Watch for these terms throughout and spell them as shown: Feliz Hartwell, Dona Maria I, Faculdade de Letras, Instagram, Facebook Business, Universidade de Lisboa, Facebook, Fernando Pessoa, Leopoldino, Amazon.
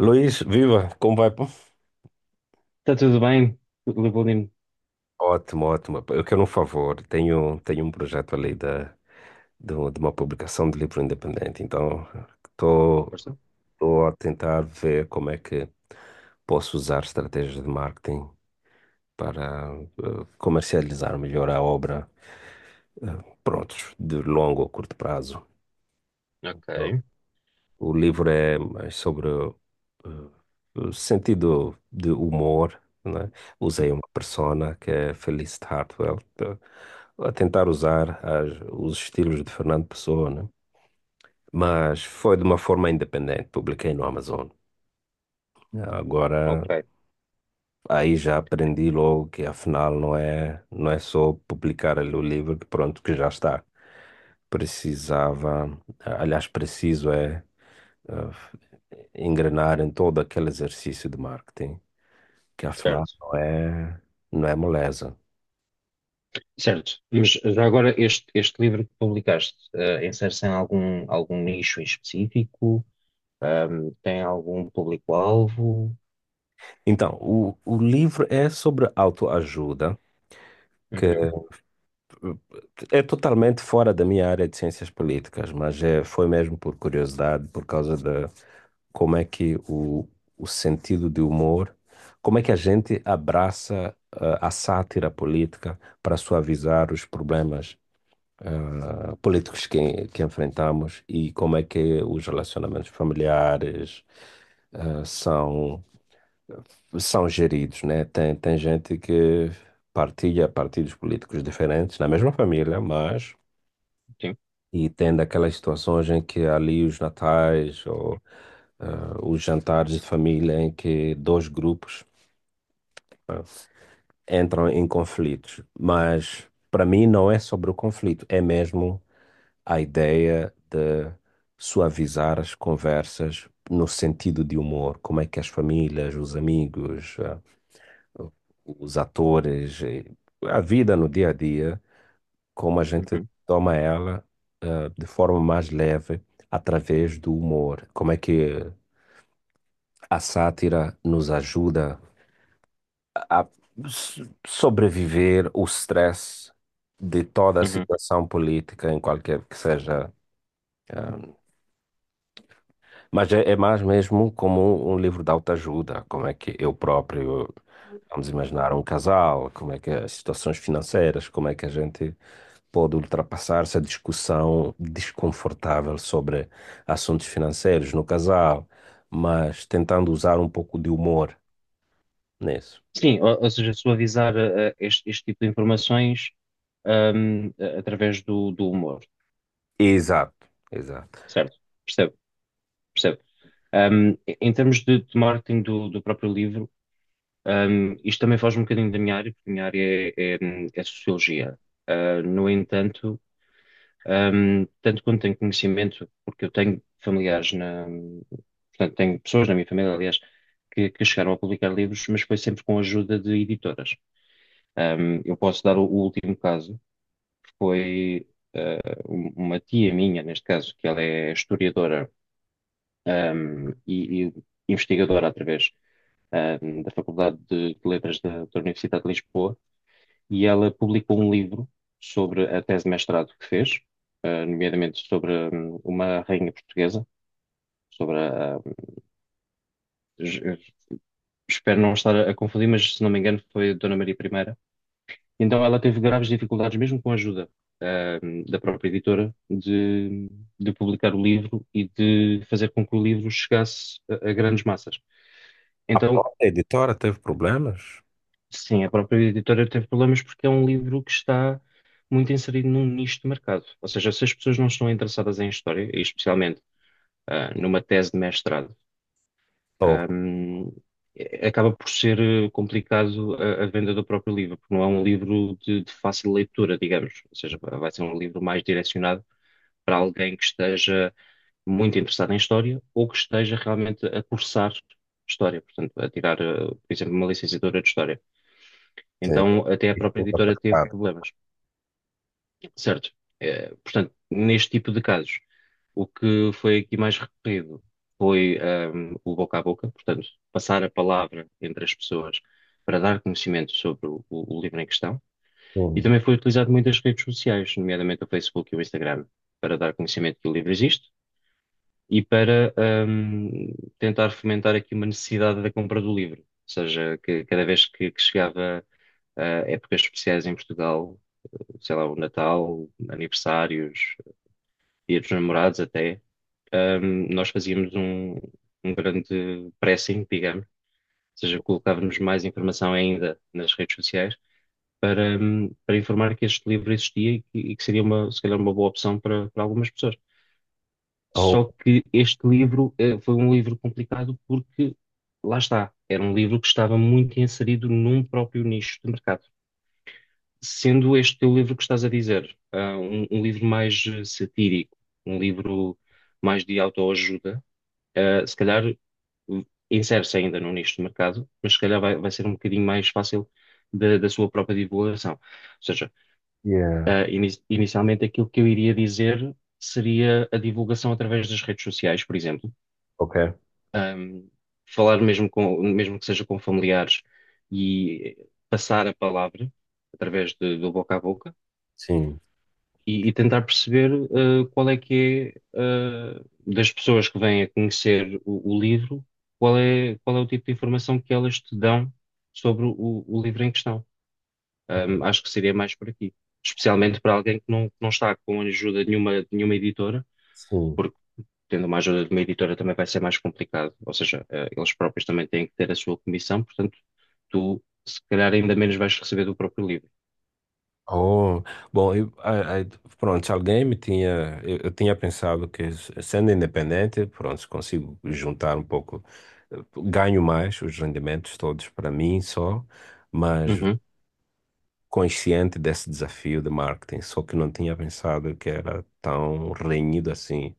Luiz, viva, como vai, pô? Está tudo bem? Leopoldino? Ótimo, ótimo. Eu quero um favor. Tenho um projeto ali de uma publicação de livro independente. Então, estou Força? estou a tentar ver como é que posso usar estratégias de marketing para comercializar melhor a obra, prontos, de longo ou curto prazo. Então, Ok, o livro é mais sobre o sentido de humor, né? Usei uma persona que é Feliz Hartwell, a tentar usar as, os estilos de Fernando Pessoa, né? Mas foi de uma forma independente, publiquei no Amazon. Agora, ok, aí já aprendi logo que afinal não é só publicar ali o livro que pronto, que já está. Precisava, aliás, preciso é uh, engrenar em todo aquele exercício de marketing, que afinal certo. não é moleza. Certo, mas já agora este livro que publicaste, insere-se em algum nicho em específico? Tem algum público-alvo? Então, o livro é sobre autoajuda, que Uhum, é totalmente fora da minha área de ciências políticas, mas é, foi mesmo por curiosidade, por causa de como é que o sentido de humor, como é que a gente abraça a sátira política para suavizar os problemas políticos que enfrentamos e como é que os relacionamentos familiares são, são geridos, né? Tem gente que partilha partidos políticos diferentes na mesma família, mas sim, e tem daquelas situações em que ali os natais ou os jantares de família em que dois grupos entram em conflitos. Mas para mim não é sobre o conflito, é mesmo a ideia de suavizar as conversas no sentido de humor, como é que as famílias, os amigos, os atores, a vida no dia a dia, como a gente uhum, toma ela, de forma mais leve através do humor, como é que a sátira nos ajuda a sobreviver o stress de toda a uhum. situação política, em qualquer que seja. Mas é, é mais mesmo como um livro de autoajuda, como é que eu próprio, vamos imaginar um casal, como é que as situações financeiras, como é que a gente pode ultrapassar essa discussão desconfortável sobre assuntos financeiros no casal, mas tentando usar um pouco de humor nisso. Sim, ou seja, suavizar este tipo de informações, através do humor, Exato, exato. certo? Percebo, percebo. Em termos de marketing do próprio livro, isto também foge um bocadinho da minha área, porque a minha área é sociologia. No entanto, tanto quanto tenho conhecimento, porque eu tenho familiares portanto, tenho pessoas na minha família, aliás, que chegaram a publicar livros, mas foi sempre com a ajuda de editoras. Eu posso dar o último caso, que foi uma tia minha, neste caso, que ela é historiadora, e investigadora através, da Faculdade de Letras da Universidade de Lisboa, e ela publicou um livro sobre a tese de mestrado que fez, nomeadamente sobre uma rainha portuguesa, sobre es- espero não estar a confundir, mas se não me engano foi a Dona Maria I. Então ela teve graves dificuldades, mesmo com a ajuda, da própria editora, de publicar o livro e de fazer com que o livro chegasse a grandes massas. A Então. própria editora teve problemas? Sim, a própria editora teve problemas porque é um livro que está muito inserido num nicho de mercado. Ou seja, se as pessoas não estão interessadas em história, e especialmente numa tese de mestrado, Oh, ahm, acaba por ser, complicado, a venda do próprio livro, porque não é um livro de fácil leitura, digamos. Ou seja, vai ser um livro mais direcionado para alguém que esteja muito interessado em história ou que esteja realmente a cursar história, portanto, a tirar, por exemplo, uma licenciatura de história. sim, Então, até a própria desculpa, tá editora teve claro. problemas, certo? Portanto, neste tipo de casos, o que foi aqui mais recorrido foi, o boca a boca, portanto, passar a palavra entre as pessoas para dar conhecimento sobre o livro em questão. E Hum. também foi utilizado muitas redes sociais, nomeadamente o Facebook e o Instagram, para dar conhecimento que o livro existe e para, tentar fomentar aqui uma necessidade da compra do livro. Ou seja, que cada vez que chegava a épocas especiais em Portugal, sei lá, o Natal, aniversários, Dia dos Namorados até, nós fazíamos um grande pressing, digamos, ou seja, colocávamos mais informação ainda nas redes sociais para, para informar que este livro existia e que seria uma, se calhar uma boa opção para, algumas pessoas. Oh, Só que este livro, foi um livro complicado porque, lá está, era um livro que estava muito inserido num próprio nicho de mercado. Sendo este teu livro que estás a dizer, um livro mais, satírico, um livro mais de autoajuda, se calhar, insere-se ainda no nicho de mercado, mas se calhar vai ser um bocadinho mais fácil da sua própria divulgação. Ou seja, yeah. Inicialmente aquilo que eu iria dizer seria a divulgação através das redes sociais, por exemplo. Ok, Ahm, Falar mesmo com, mesmo que seja com familiares, e passar a palavra através do boca a boca. sim, E e tentar perceber, qual é que é, das pessoas que vêm a conhecer o livro, qual é o tipo de informação que elas te dão sobre o livro em questão. ok, Acho que seria mais por aqui. Especialmente para alguém que não está com ajuda de nenhuma editora, sim. porque tendo uma ajuda de uma editora também vai ser mais complicado. Ou seja, eles próprios também têm que ter a sua comissão, portanto, tu se calhar ainda menos vais receber do próprio livro. Oh, bom, eu, pronto, se alguém me tinha, eu tinha pensado que sendo independente, pronto, consigo juntar um pouco, ganho mais os rendimentos todos para mim só, mas Uhum, consciente desse desafio de marketing, só que não tinha pensado que era tão renhido assim.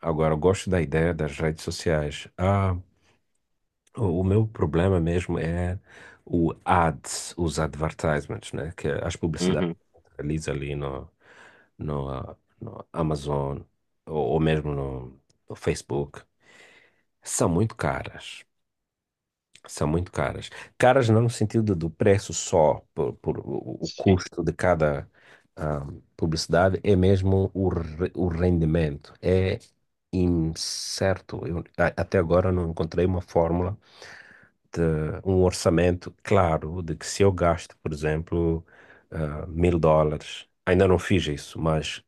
Agora, eu gosto da ideia das redes sociais. Ah, o meu problema mesmo é o ads, os advertisements, né? Que é as publicidades uhum, que realiza ali no, no Amazon ou mesmo no Facebook são muito caras. São muito caras. Caras não no sentido do preço só, por o sim, custo de cada ah, publicidade, é mesmo o rendimento. É incerto. Eu, até agora eu não encontrei uma fórmula de um orçamento claro de que se eu gasto, por exemplo, mil dólares, ainda não fiz isso, mas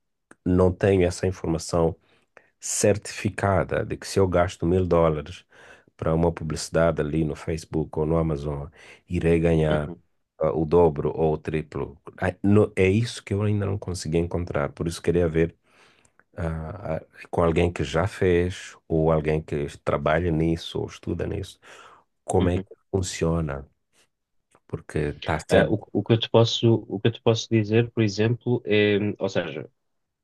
não tenho essa informação certificada de que se eu gasto mil dólares para uma publicidade ali no Facebook ou no Amazon, irei ganhar uhum, o dobro ou o triplo. É isso que eu ainda não consegui encontrar, por isso queria ver ah, ah, com alguém que já fez, ou alguém que trabalha nisso, ou estuda nisso, como é uhum. que funciona, porque está a ser. O que eu te posso dizer, por exemplo, é, ou seja,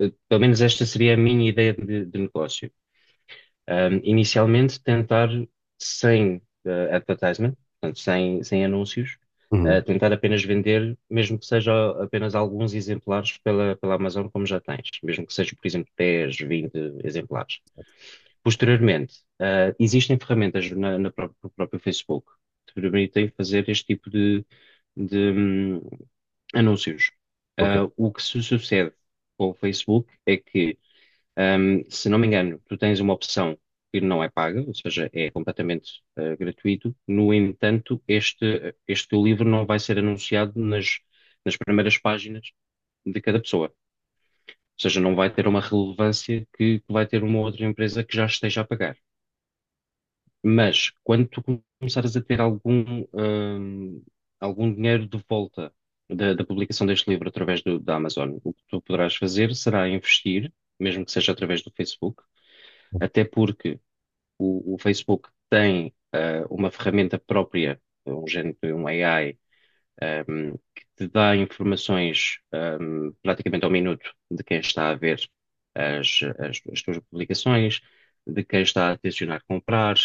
pelo menos esta seria a minha ideia de negócio. Inicialmente tentar sem, advertisement, portanto, sem anúncios, Uhum. tentar apenas vender, mesmo que seja apenas alguns exemplares pela Amazon, como já tens, mesmo que seja, por exemplo, 10, 20 exemplares. Posteriormente, existem ferramentas no próprio Facebook que te permitem fazer este tipo de, hum, anúncios. Ok, O que se sucede com o Facebook é que, se não me engano, tu tens uma opção que não é paga, ou seja, é completamente, gratuito. No entanto, este teu livro não vai ser anunciado nas primeiras páginas de cada pessoa. Ou seja, não vai ter uma relevância que vai ter uma outra empresa que já esteja a pagar. Mas quando tu começares a ter algum dinheiro de volta da publicação deste livro através da Amazon, o que tu poderás fazer será investir, mesmo que seja através do Facebook. Até porque o Facebook tem, uma ferramenta própria, um género de um AI, que te dá informações praticamente ao minuto de quem está a ver as tuas publicações, de quem está a tencionar comprar,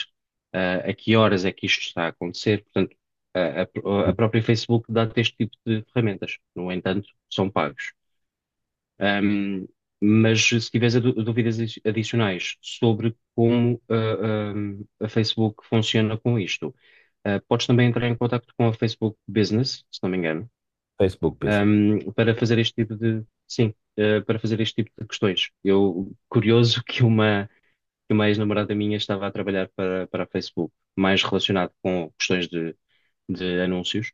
a que horas é que isto está a acontecer. Portanto, a própria Facebook dá-te este tipo de ferramentas. No entanto, são pagos. Um, mas se tiveres a dúvidas adicionais sobre como, a Facebook funciona com isto, podes também entrar em contato com a Facebook Business, se não me engano, Facebook Business. Para fazer este sim, para fazer este tipo de questões. Curioso que uma ex-namorada minha estava a trabalhar para a Facebook, mais relacionado com questões de anúncios,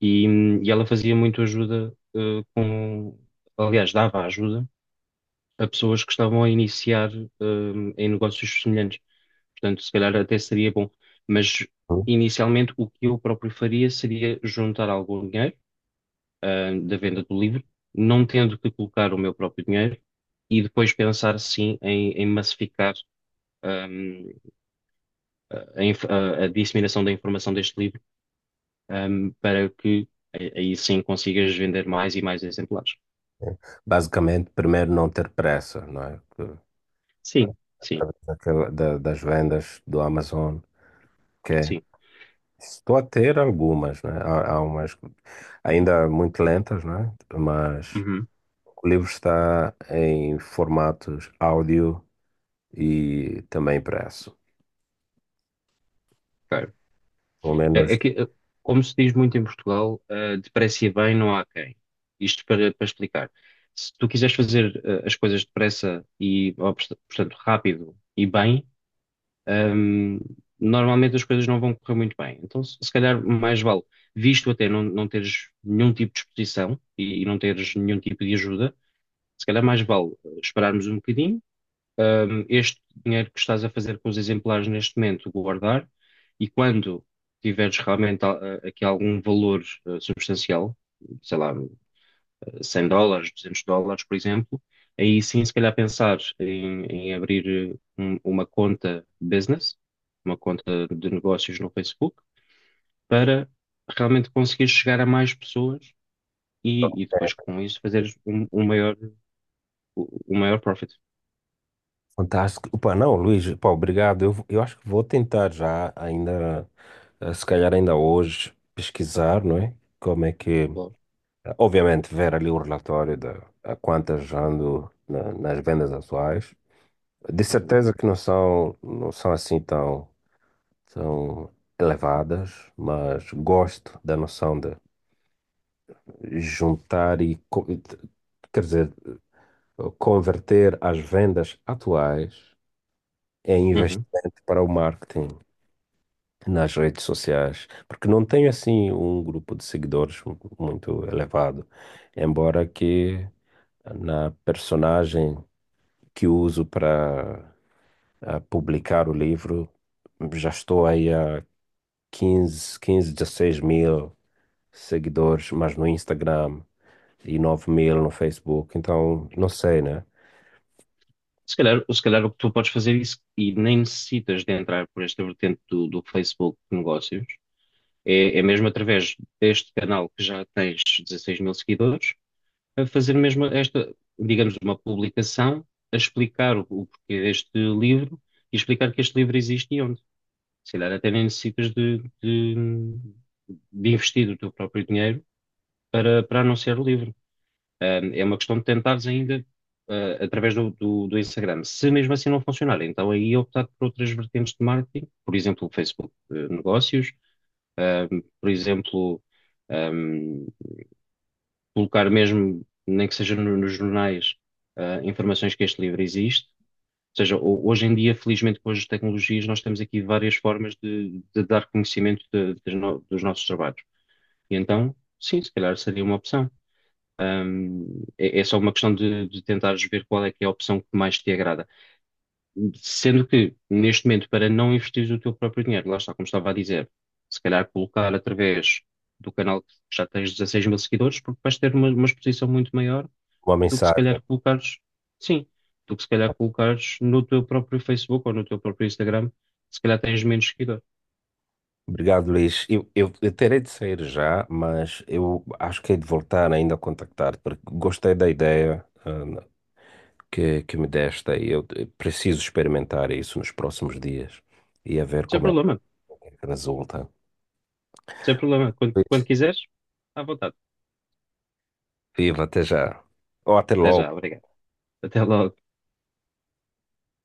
e ela fazia muito ajuda, aliás, dava ajuda a pessoas que estavam a iniciar, em negócios semelhantes. Portanto, se calhar até seria bom. Mas Uhum. inicialmente o que eu próprio faria seria juntar algum dinheiro, da venda do livro, não tendo que colocar o meu próprio dinheiro, e depois pensar sim em massificar. hum, a disseminação da informação deste livro, para que aí sim consigas vender mais e mais exemplares. Basicamente, primeiro não ter pressa, não é? Que, Sim, sim, através das vendas do Amazon, que é- sim. estou a ter algumas, né? Há umas ainda muito lentas, né? Mas Uhum. o livro está em formatos áudio e também impresso. Pelo menos. É, é que, como se diz muito em Portugal, depressa e bem não há quem. Isto para explicar. Se tu quiseres fazer, as coisas depressa, portanto, rápido e bem, ehm, normalmente as coisas não vão correr muito bem. Então, se calhar, mais vale, visto até não teres nenhum tipo de exposição, e não teres nenhum tipo de ajuda, se calhar mais vale, esperarmos um bocadinho, este dinheiro que estás a fazer com os exemplares neste momento, guardar, e quando tiveres realmente, aqui algum valor, substancial, sei lá, 100 dólares, 200 dólares, por exemplo, aí sim, se calhar pensar em abrir, uma conta business, uma conta de negócios no Facebook, para realmente conseguir chegar a mais pessoas, e depois com isso fazeres um maior, um maior, profit. Fantástico. Opa, não, Luís, pá, obrigado. Eu acho que vou tentar já, ainda, se calhar ainda hoje, pesquisar, não é? Como é que, Claro. obviamente, ver ali o relatório de a quantas ando nas vendas atuais. De Uhum. certeza que não são assim tão, tão elevadas, mas gosto da noção de juntar e, quer dizer, converter as vendas atuais em Uhum. investimento para o marketing nas redes sociais, porque não tenho assim um grupo de seguidores muito elevado, embora que na personagem que uso para publicar o livro já estou aí a 15 15, 16 mil seguidores, mas no Instagram e 9.000 no Facebook, então não sei, né? Se calhar o que tu podes fazer isso e nem necessitas de entrar por esta vertente do Facebook de negócios, é mesmo através deste canal que já tens 16 mil seguidores, a fazer mesmo esta, digamos, uma publicação a explicar o porquê deste livro, e explicar que este livro existe, e onde. Se calhar até nem necessitas de investir o teu próprio dinheiro para anunciar o livro. É uma questão de tentares ainda, através do Instagram. Se mesmo assim não funcionar, então aí optar por outras vertentes de marketing, por exemplo, Facebook, negócios, por exemplo, um, colocar mesmo, nem que seja nos jornais, informações que este livro existe. Ou seja, hoje em dia, felizmente, com as tecnologias, nós temos aqui várias formas de dar conhecimento de- das no- dos nossos trabalhos. E então, sim, se calhar seria uma opção. É, é só uma questão de tentares ver qual é que é a opção que mais te agrada. Sendo que, neste momento, para não investires o teu próprio dinheiro, lá está, como estava a dizer, se calhar colocar através do canal que já tens 16 mil seguidores, porque vais ter uma exposição muito maior Uma do que se mensagem. calhar colocares, sim, do que se calhar colocares no teu próprio Facebook ou no teu próprio Instagram, se calhar tens menos seguidores. Obrigado, Luís. Eu terei de sair já, mas eu acho que hei de voltar ainda a contactar-te, porque gostei da ideia, que me deste e eu preciso experimentar isso nos próximos dias e a ver Sem como é problema, que resulta. sem problema. Quando Isso. quiseres, à vontade. Viva, até já. Ou até Até logo. já, obrigado. Até logo.